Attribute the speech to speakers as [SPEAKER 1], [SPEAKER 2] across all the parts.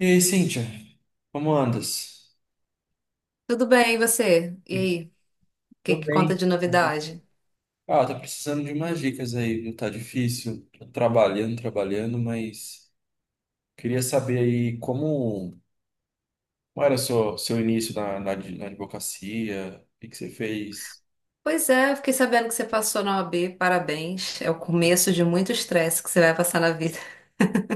[SPEAKER 1] E aí, Cíntia, como andas?
[SPEAKER 2] Tudo bem, e você? E aí, o que
[SPEAKER 1] Tô
[SPEAKER 2] que conta
[SPEAKER 1] bem.
[SPEAKER 2] de novidade?
[SPEAKER 1] Ah, tá precisando de umas dicas aí, viu? Tá difícil, tô trabalhando, trabalhando, mas queria saber aí como era seu início na advocacia, o que que você fez?
[SPEAKER 2] Pois é, eu fiquei sabendo que você passou na OAB, parabéns. É o começo de muito estresse que você vai passar na vida,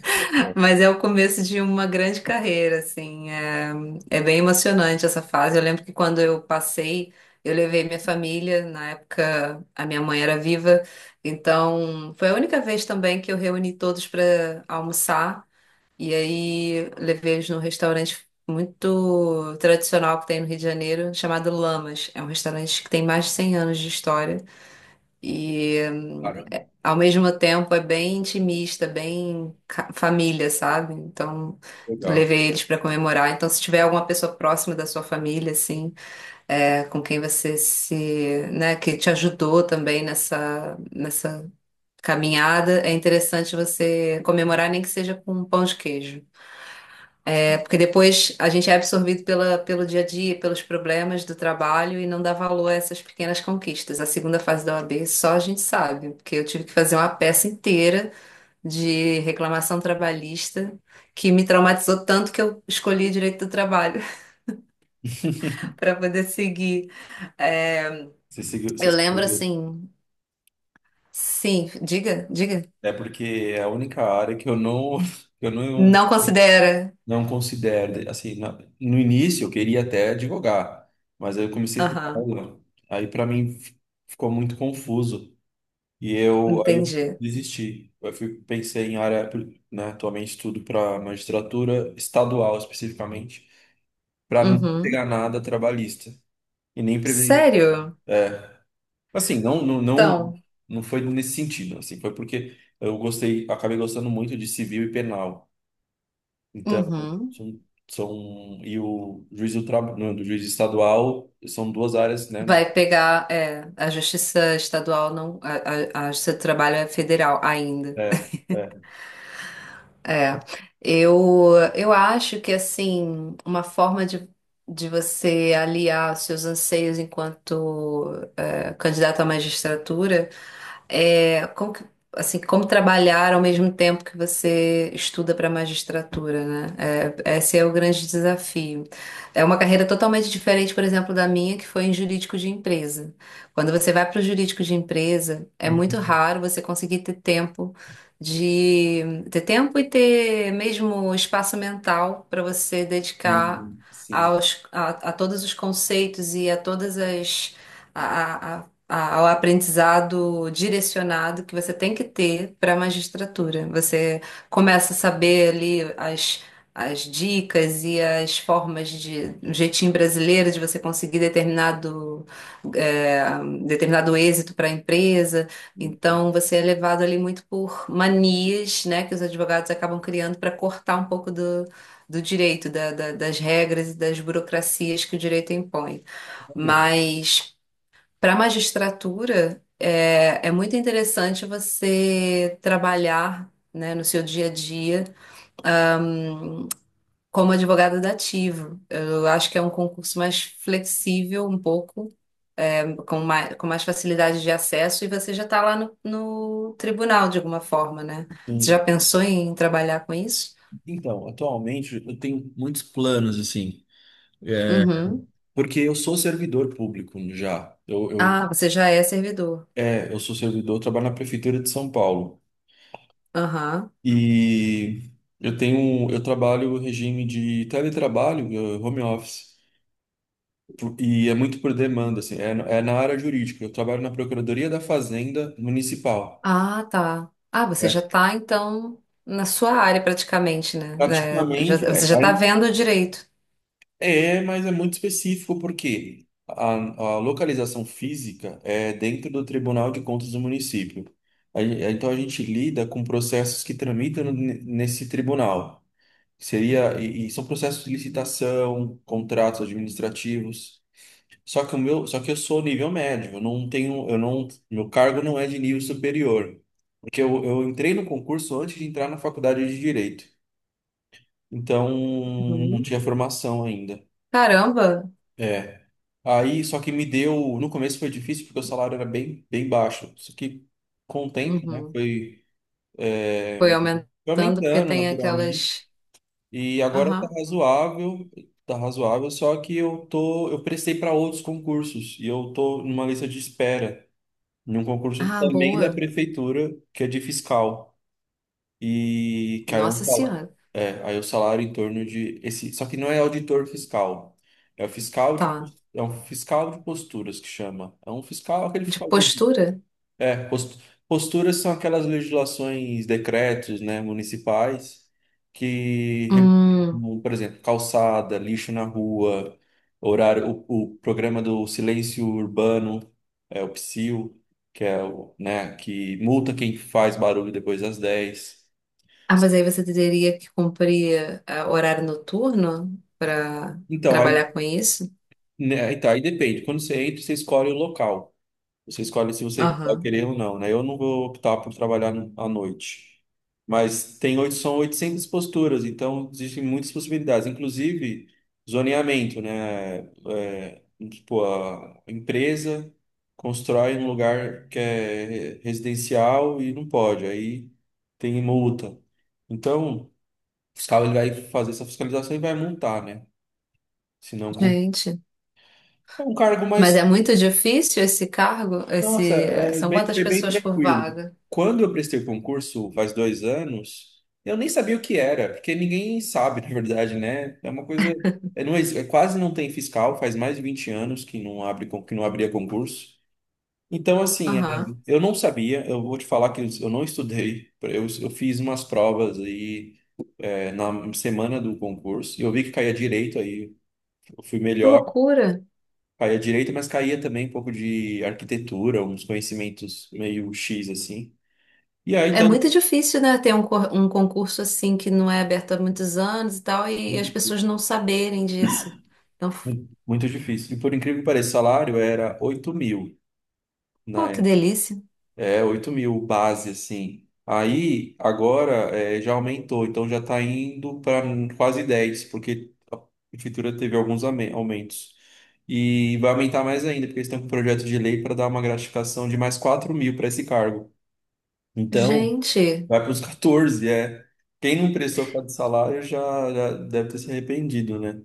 [SPEAKER 1] Pô.
[SPEAKER 2] mas é o começo de uma grande carreira, assim. É bem emocionante essa fase. Eu lembro que quando eu passei, eu levei minha família, na época a minha mãe era viva, então foi a única vez também que eu reuni todos para almoçar. E aí levei eles num restaurante muito tradicional que tem no Rio de Janeiro, chamado Lamas. É um restaurante que tem mais de 100 anos de história e
[SPEAKER 1] Caramba.
[SPEAKER 2] ao mesmo tempo é bem intimista, bem família, sabe? Então
[SPEAKER 1] Legal.
[SPEAKER 2] levei eles para comemorar. Então se tiver alguma pessoa próxima da sua família, assim, com quem você se, né, que te ajudou também nessa caminhada, é interessante você comemorar nem que seja com um pão de queijo. Porque depois a gente é absorvido pelo dia a dia, pelos problemas do trabalho e não dá valor a essas pequenas conquistas. A segunda fase da OAB só a gente sabe, porque eu tive que fazer uma peça inteira de reclamação trabalhista que me traumatizou tanto que eu escolhi direito do trabalho para poder seguir. É,
[SPEAKER 1] Você seguiu, você
[SPEAKER 2] eu lembro
[SPEAKER 1] seguiu.
[SPEAKER 2] assim, sim, diga, diga.
[SPEAKER 1] É porque é a única área que eu não, que eu não
[SPEAKER 2] Não considera.
[SPEAKER 1] não considero, assim, no início eu queria até advogar, mas aí eu comecei a ter
[SPEAKER 2] Aham,
[SPEAKER 1] aula, aí para mim ficou muito confuso e eu aí eu
[SPEAKER 2] entendi.
[SPEAKER 1] desisti. Eu fui, pensei em área, né, atualmente estudo para magistratura estadual especificamente, para não pegar
[SPEAKER 2] Uhum.
[SPEAKER 1] nada trabalhista e nem previdência.
[SPEAKER 2] Sério?
[SPEAKER 1] É, assim, não, não, não,
[SPEAKER 2] Então,
[SPEAKER 1] não foi nesse sentido, assim, foi porque eu gostei, acabei gostando muito de civil e penal. Então,
[SPEAKER 2] uhum.
[SPEAKER 1] são, e o juiz do trabalho, não, do juiz estadual, são duas áreas, né?
[SPEAKER 2] Vai pegar, é, a justiça estadual não, a justiça do trabalho é federal ainda.
[SPEAKER 1] É, é.
[SPEAKER 2] É. Eu acho que, assim, uma forma de você aliar os seus anseios enquanto candidato à magistratura é, assim, como trabalhar ao mesmo tempo que você estuda para magistratura, né? É, esse é o grande desafio. É uma carreira totalmente diferente, por exemplo, da minha, que foi em jurídico de empresa. Quando você vai para o jurídico de empresa, é muito
[SPEAKER 1] Uhum.
[SPEAKER 2] raro você conseguir ter tempo e ter mesmo espaço mental para você dedicar
[SPEAKER 1] Uhum. Sim.
[SPEAKER 2] a todos os conceitos e a todas as a, a- ao aprendizado direcionado que você tem que ter para a magistratura. Você começa a saber ali as dicas e as formas de, um jeitinho brasileiro de você conseguir é, determinado êxito para a empresa.
[SPEAKER 1] Uhum.
[SPEAKER 2] Então, você é levado ali muito por manias, né, que os advogados acabam criando para cortar um pouco do. Do direito, das regras e das burocracias que o direito impõe.
[SPEAKER 1] Olha,
[SPEAKER 2] Mas para a magistratura, é muito interessante você trabalhar, né, no seu dia a dia como advogado dativo. Eu acho que é um concurso mais flexível, um pouco, é, com mais facilidade de acesso, e você já está lá no tribunal de alguma forma, né? Você já
[SPEAKER 1] isso.
[SPEAKER 2] pensou em trabalhar com isso?
[SPEAKER 1] Então, atualmente eu tenho muitos planos assim. É,
[SPEAKER 2] Uhum.
[SPEAKER 1] Porque eu sou servidor público já.
[SPEAKER 2] Ah, você já é servidor.
[SPEAKER 1] Eu sou servidor, eu trabalho na prefeitura de São Paulo,
[SPEAKER 2] Aham.
[SPEAKER 1] e eu tenho, eu trabalho o regime de teletrabalho, home office. E é muito por demanda, assim, é na área jurídica. Eu trabalho na Procuradoria da Fazenda Municipal.
[SPEAKER 2] Ah, tá. Ah, você já
[SPEAKER 1] É.
[SPEAKER 2] tá, então, na sua área praticamente, né? Né,
[SPEAKER 1] Praticamente
[SPEAKER 2] você já tá vendo direito.
[SPEAKER 1] é, mas é muito específico porque a localização física é dentro do Tribunal de Contas do município. Então a gente lida com processos que tramitam nesse tribunal. Seria, e são processos de licitação, contratos administrativos. Só que o meu, só que eu sou nível médio, eu não tenho, eu não, meu cargo não é de nível superior. Porque eu entrei no concurso antes de entrar na faculdade de Direito. Então, não
[SPEAKER 2] Uhum.
[SPEAKER 1] tinha formação ainda.
[SPEAKER 2] Caramba!
[SPEAKER 1] É. Aí, só que me deu, no começo foi difícil porque o salário era bem, bem baixo. Só que com o tempo, né,
[SPEAKER 2] Uhum.
[SPEAKER 1] foi é,
[SPEAKER 2] Foi
[SPEAKER 1] foi
[SPEAKER 2] aumentando porque
[SPEAKER 1] aumentando
[SPEAKER 2] tem aquelas.
[SPEAKER 1] naturalmente. E agora
[SPEAKER 2] Aham.
[SPEAKER 1] tá razoável, só que eu tô, eu prestei para outros concursos e eu tô numa lista de espera em um concurso
[SPEAKER 2] Ah,
[SPEAKER 1] também da
[SPEAKER 2] boa.
[SPEAKER 1] prefeitura, que é de fiscal. E que aí é um
[SPEAKER 2] Nossa
[SPEAKER 1] salário.
[SPEAKER 2] Senhora.
[SPEAKER 1] É, aí é o salário em torno de esse, só que não é auditor fiscal. É o fiscal de,
[SPEAKER 2] Tá.
[SPEAKER 1] é um fiscal de posturas que chama. É um fiscal, aquele
[SPEAKER 2] De
[SPEAKER 1] fiscal de
[SPEAKER 2] postura?
[SPEAKER 1] é, post- posturas são aquelas legislações, decretos, né, municipais que
[SPEAKER 2] Hum.
[SPEAKER 1] regulam, por exemplo, calçada, lixo na rua, horário, o programa do silêncio urbano, é o PSIL, que é o, né, que multa quem faz barulho depois das 10.
[SPEAKER 2] Ah, mas aí você teria que cumprir horário noturno para
[SPEAKER 1] Então, aí,
[SPEAKER 2] trabalhar com isso?
[SPEAKER 1] né, então, aí depende. Quando você entra, você escolhe o local. Você escolhe se você vai
[SPEAKER 2] Aham.
[SPEAKER 1] querer ou não, né? Eu não vou optar por trabalhar à noite. Mas são 800 posturas, então existem muitas possibilidades, inclusive zoneamento, né? É, tipo, a empresa constrói um lugar que é residencial e não pode, aí tem multa. Então, o fiscal ele vai fazer essa fiscalização e vai multar, né? Se não,
[SPEAKER 2] Gente.
[SPEAKER 1] é um cargo
[SPEAKER 2] Mas
[SPEAKER 1] mais.
[SPEAKER 2] é muito difícil esse cargo?
[SPEAKER 1] Nossa,
[SPEAKER 2] São quantas
[SPEAKER 1] foi bem
[SPEAKER 2] pessoas por
[SPEAKER 1] tranquilo.
[SPEAKER 2] vaga?
[SPEAKER 1] Quando eu prestei o concurso, faz 2 anos, eu nem sabia o que era, porque ninguém sabe, na verdade, né? É uma coisa. É, não, quase não tem fiscal, faz mais de 20 anos que não abre, que não abria concurso. Então, assim,
[SPEAKER 2] Aham.
[SPEAKER 1] eu não sabia, eu vou te falar que eu não estudei. Eu fiz umas provas aí, na semana do concurso, e eu vi que caía direito aí, eu fui
[SPEAKER 2] Que
[SPEAKER 1] melhor.
[SPEAKER 2] loucura.
[SPEAKER 1] Caía direito, mas caía também um pouco de arquitetura, uns conhecimentos meio X assim. E aí,
[SPEAKER 2] É
[SPEAKER 1] tanto,
[SPEAKER 2] muito difícil, né, ter um, um concurso assim que não é aberto há muitos anos e tal, e as pessoas não saberem disso. Então,
[SPEAKER 1] muito difícil. E por incrível que pareça, o salário era 8 mil na
[SPEAKER 2] pô, que
[SPEAKER 1] época.
[SPEAKER 2] delícia.
[SPEAKER 1] É, 8 mil base, assim. Aí, agora, já aumentou, então já está indo para quase 10 porque a prefeitura teve alguns aumentos. E vai aumentar mais ainda, porque eles estão com um projeto de lei para dar uma gratificação de mais 4 mil para esse cargo. Então,
[SPEAKER 2] Gente,
[SPEAKER 1] vai para os 14, é. Quem não prestou por causa do salário já, já deve ter se arrependido, né?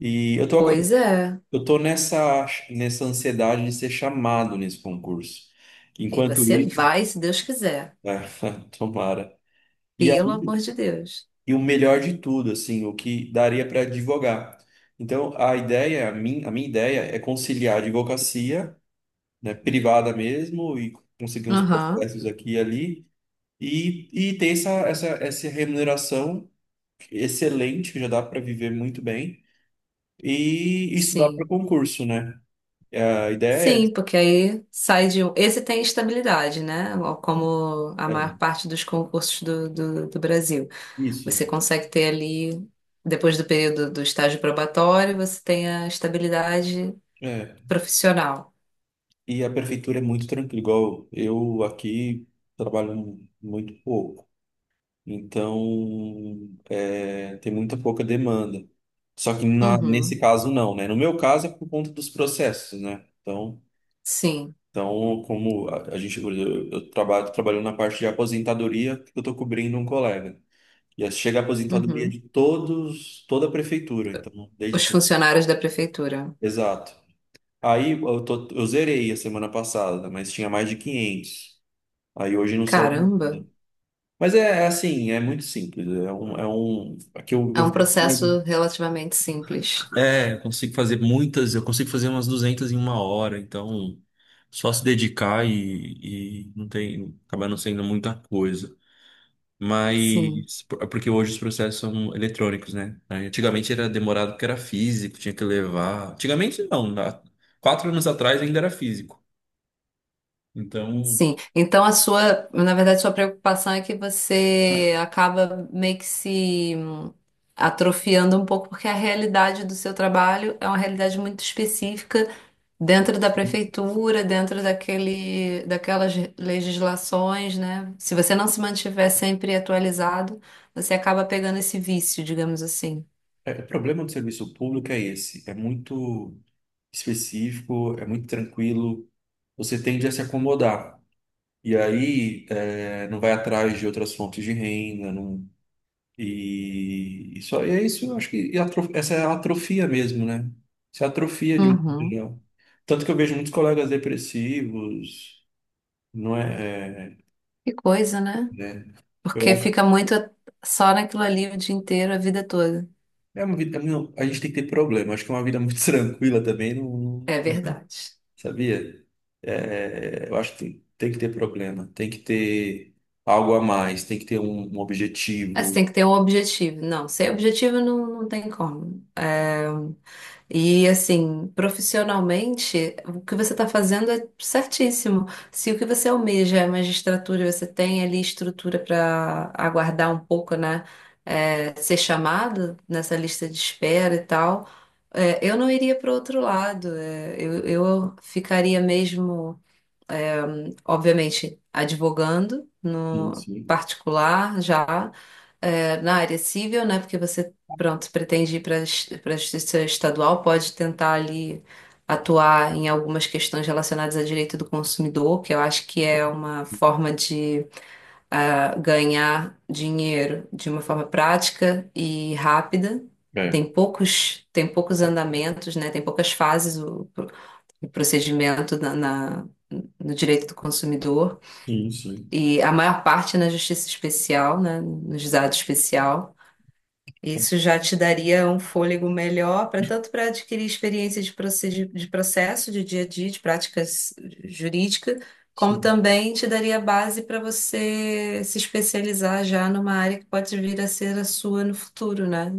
[SPEAKER 1] E eu tô,
[SPEAKER 2] pois é.
[SPEAKER 1] eu tô nessa ansiedade de ser chamado nesse concurso.
[SPEAKER 2] E
[SPEAKER 1] Enquanto
[SPEAKER 2] você
[SPEAKER 1] isso,
[SPEAKER 2] vai, se Deus quiser.
[SPEAKER 1] é, tomara. E
[SPEAKER 2] Pelo amor
[SPEAKER 1] aí,
[SPEAKER 2] de Deus.
[SPEAKER 1] e o melhor de tudo, assim, o que daria para advogar. Então, a ideia, a minha ideia é conciliar a advocacia, né, privada mesmo, e conseguir uns
[SPEAKER 2] Aham,
[SPEAKER 1] processos aqui e ali, e ter essa remuneração excelente, já dá para viver muito bem e estudar para
[SPEAKER 2] sim.
[SPEAKER 1] concurso, né? A ideia é
[SPEAKER 2] Sim,
[SPEAKER 1] essa,
[SPEAKER 2] porque aí sai de um. Esse tem estabilidade, né? Como a maior
[SPEAKER 1] é
[SPEAKER 2] parte dos concursos do do Brasil.
[SPEAKER 1] isso.
[SPEAKER 2] Você consegue ter ali, depois do período do estágio probatório, você tem a estabilidade
[SPEAKER 1] É.
[SPEAKER 2] profissional.
[SPEAKER 1] E a prefeitura é muito tranquila, igual eu aqui trabalho muito pouco, então tem muita pouca demanda. Só que nesse
[SPEAKER 2] Uhum,
[SPEAKER 1] caso não, né? No meu caso é por conta dos processos, né? Então,
[SPEAKER 2] sim.
[SPEAKER 1] como a gente, eu trabalho, tô na parte de aposentadoria, eu estou cobrindo um colega. E chega a aposentadoria de
[SPEAKER 2] Uhum.
[SPEAKER 1] todos, toda a prefeitura, então, desde.
[SPEAKER 2] Os funcionários da prefeitura.
[SPEAKER 1] Exato. Aí eu, eu zerei a semana passada, mas tinha mais de 500. Aí hoje não saiu
[SPEAKER 2] Caramba,
[SPEAKER 1] nada. Mas é assim, é muito simples. É um, aqui
[SPEAKER 2] é um
[SPEAKER 1] eu-
[SPEAKER 2] processo relativamente simples.
[SPEAKER 1] é, eu consigo fazer muitas, eu consigo fazer umas 200 em uma hora, então só se dedicar e não tem, acaba não sendo muita coisa.
[SPEAKER 2] Sim,
[SPEAKER 1] Mas porque hoje os processos são eletrônicos, né? Aí, antigamente era demorado porque era físico, tinha que levar. Antigamente não, 4 anos atrás ainda era físico. Então,
[SPEAKER 2] sim. Então a sua, na verdade, sua preocupação é que você acaba meio que se atrofiando um pouco, porque a realidade do seu trabalho é uma realidade muito específica dentro da prefeitura, dentro daquele, daquelas legislações, né? Se você não se mantiver sempre atualizado, você acaba pegando esse vício, digamos assim.
[SPEAKER 1] o problema do serviço público é esse, é muito específico, é muito tranquilo, você tende a se acomodar. E aí, não vai atrás de outras fontes de renda, não. E só é isso, eu acho que essa é a atrofia mesmo, né? Isso é atrofia de um modo
[SPEAKER 2] Uhum.
[SPEAKER 1] geral. Tanto que eu vejo muitos colegas depressivos, não é,
[SPEAKER 2] Que coisa, né?
[SPEAKER 1] né? Eu
[SPEAKER 2] Porque
[SPEAKER 1] acho
[SPEAKER 2] fica muito só naquilo ali o dia inteiro, a vida toda.
[SPEAKER 1] que é uma vida, não, a gente tem que ter problema, acho que é uma vida muito tranquila também, não,
[SPEAKER 2] É verdade.
[SPEAKER 1] sabia? É, eu acho que tem que ter problema, tem que ter algo a mais, tem que ter um
[SPEAKER 2] Mas
[SPEAKER 1] objetivo.
[SPEAKER 2] tem que ter um objetivo. Não, sem objetivo não, não tem como. É, e assim, profissionalmente, o que você está fazendo é certíssimo. Se o que você almeja é magistratura e você tem ali estrutura para aguardar um pouco, né? Ser chamado nessa lista de espera e tal, eu não iria para outro lado. Eu ficaria mesmo obviamente, advogando
[SPEAKER 1] Sim,
[SPEAKER 2] no
[SPEAKER 1] sim.
[SPEAKER 2] particular já na área civil, né? Porque você, pronto, pretende ir para a justiça estadual, pode tentar ali atuar em algumas questões relacionadas a direito do consumidor, que eu acho que é uma forma de ganhar dinheiro de uma forma prática e rápida.
[SPEAKER 1] É.
[SPEAKER 2] Tem poucos andamentos, né? Tem poucas fases o procedimento no direito do consumidor
[SPEAKER 1] Sim, sim.
[SPEAKER 2] e a maior parte na justiça especial, né, no juizado especial. Isso já te daria um fôlego melhor para tanto para adquirir experiência de processo, de dia a dia, de práticas jurídica, como
[SPEAKER 1] Sim.
[SPEAKER 2] também te daria base para você se especializar já numa área que pode vir a ser a sua no futuro, né?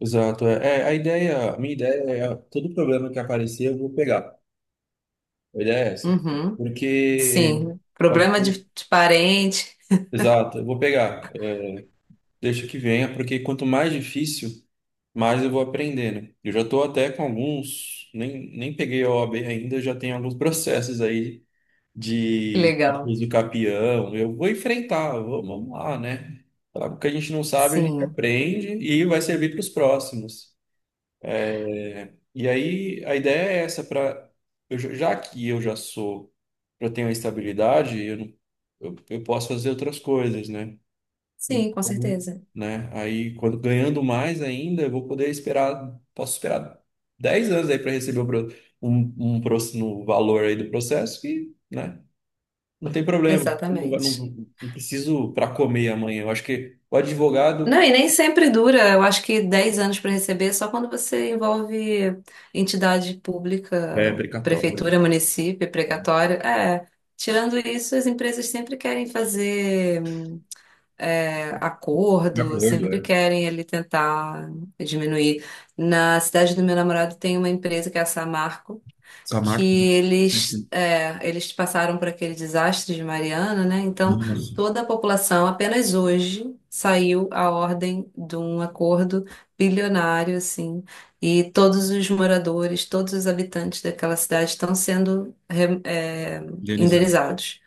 [SPEAKER 1] Exato. É, a ideia, a minha ideia é todo problema que aparecer eu vou pegar. A ideia é essa.
[SPEAKER 2] Uhum.
[SPEAKER 1] Porque
[SPEAKER 2] Sim,
[SPEAKER 1] pode
[SPEAKER 2] problema
[SPEAKER 1] ser-
[SPEAKER 2] de parente,
[SPEAKER 1] exato, eu vou pegar. Eu deixo que venha, porque quanto mais difícil, mais eu vou aprender, né? Eu já estou até com alguns, nem peguei a OAB ainda, já tenho alguns processos aí
[SPEAKER 2] que
[SPEAKER 1] de
[SPEAKER 2] legal.
[SPEAKER 1] desafios do Capião. Eu vou enfrentar, vamos lá, né? Falar o que a gente não sabe, a gente
[SPEAKER 2] Sim,
[SPEAKER 1] aprende e vai servir para os próximos. É, e aí a ideia é essa, para já que eu já sou, já tenho a estabilidade, eu, eu posso fazer outras coisas, né?
[SPEAKER 2] sim, com
[SPEAKER 1] Então,
[SPEAKER 2] certeza.
[SPEAKER 1] né? Aí quando ganhando mais ainda, eu vou poder esperar, posso esperar 10 anos aí para receber o um próximo valor aí do processo que, né? Não tem problema, eu não,
[SPEAKER 2] Exatamente.
[SPEAKER 1] não, não preciso para comer amanhã. Eu acho que o
[SPEAKER 2] Não,
[SPEAKER 1] advogado
[SPEAKER 2] e nem sempre dura. Eu acho que 10 anos para receber, é só quando você envolve entidade
[SPEAKER 1] é
[SPEAKER 2] pública,
[SPEAKER 1] precatório,
[SPEAKER 2] prefeitura, município, precatório. É, tirando isso, as empresas sempre querem fazer
[SPEAKER 1] de
[SPEAKER 2] acordo,
[SPEAKER 1] acordo,
[SPEAKER 2] sempre
[SPEAKER 1] é.
[SPEAKER 2] querem ali tentar diminuir. Na cidade do meu namorado tem uma empresa que é a Samarco,
[SPEAKER 1] Só
[SPEAKER 2] que
[SPEAKER 1] marca.
[SPEAKER 2] eles, eles passaram por aquele desastre de Mariana, né? Então, toda a população, apenas hoje, saiu a ordem de um acordo bilionário, assim, e todos os moradores, todos os habitantes daquela cidade estão sendo,
[SPEAKER 1] Indenizado.
[SPEAKER 2] indenizados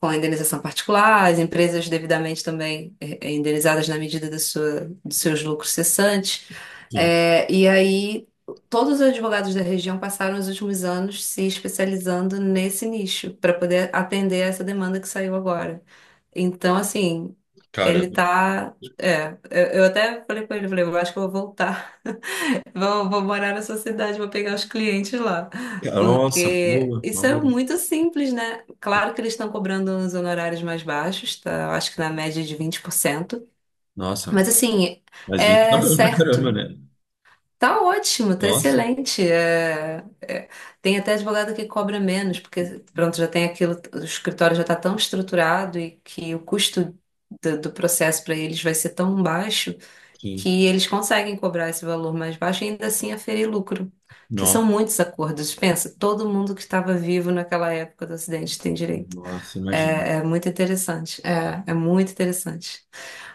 [SPEAKER 2] com a indenização particular, as empresas devidamente também indenizadas na medida da sua, dos seus lucros cessantes.
[SPEAKER 1] Sim.
[SPEAKER 2] E aí, todos os advogados da região passaram os últimos anos se especializando nesse nicho, para poder atender essa demanda que saiu agora. Então, assim, ele
[SPEAKER 1] Caramba.
[SPEAKER 2] tá. Eu até falei com ele, falei, eu acho que eu vou voltar. Vou, vou morar na sua cidade, vou pegar os clientes lá.
[SPEAKER 1] Nossa, uma
[SPEAKER 2] Porque
[SPEAKER 1] boa, uma
[SPEAKER 2] isso é
[SPEAKER 1] boa.
[SPEAKER 2] muito simples, né? Claro que eles estão cobrando uns honorários mais baixos, tá? Eu acho que na média de 20%.
[SPEAKER 1] Nossa,
[SPEAKER 2] Mas assim,
[SPEAKER 1] mas 20, tá
[SPEAKER 2] é
[SPEAKER 1] bom pra caramba,
[SPEAKER 2] certo.
[SPEAKER 1] né?
[SPEAKER 2] Tá ótimo, tá
[SPEAKER 1] Nossa,
[SPEAKER 2] excelente. Tem até advogado que cobra menos, porque pronto, já tem aquilo, o escritório já está tão estruturado e que o custo do processo para eles vai ser tão baixo
[SPEAKER 1] sim.
[SPEAKER 2] que eles conseguem cobrar esse valor mais baixo e ainda assim aferir lucro, que são
[SPEAKER 1] Nossa,
[SPEAKER 2] muitos acordos. Pensa, todo mundo que estava vivo naquela época do acidente tem direito.
[SPEAKER 1] nossa, imagina.
[SPEAKER 2] É, é muito interessante, é muito interessante.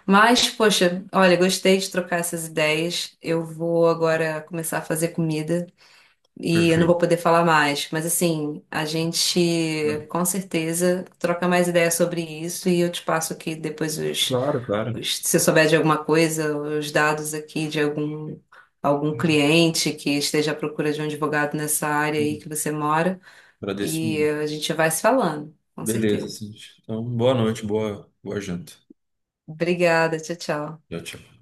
[SPEAKER 2] Mas, poxa, olha, gostei de trocar essas ideias. Eu vou agora começar a fazer comida. E eu não vou
[SPEAKER 1] Perfeito.
[SPEAKER 2] poder falar mais, mas assim, a gente com certeza troca mais ideias sobre isso e eu te passo aqui depois os,
[SPEAKER 1] Claro, claro.
[SPEAKER 2] se você souber de alguma coisa, os dados aqui de algum, algum cliente que esteja à procura de um advogado nessa área aí que você mora,
[SPEAKER 1] Agradeço
[SPEAKER 2] e
[SPEAKER 1] muito.
[SPEAKER 2] a gente vai se falando, com
[SPEAKER 1] Beleza,
[SPEAKER 2] certeza.
[SPEAKER 1] sim. Então, boa noite, boa, janta.
[SPEAKER 2] Obrigada, tchau, tchau.
[SPEAKER 1] Tchau, tchau.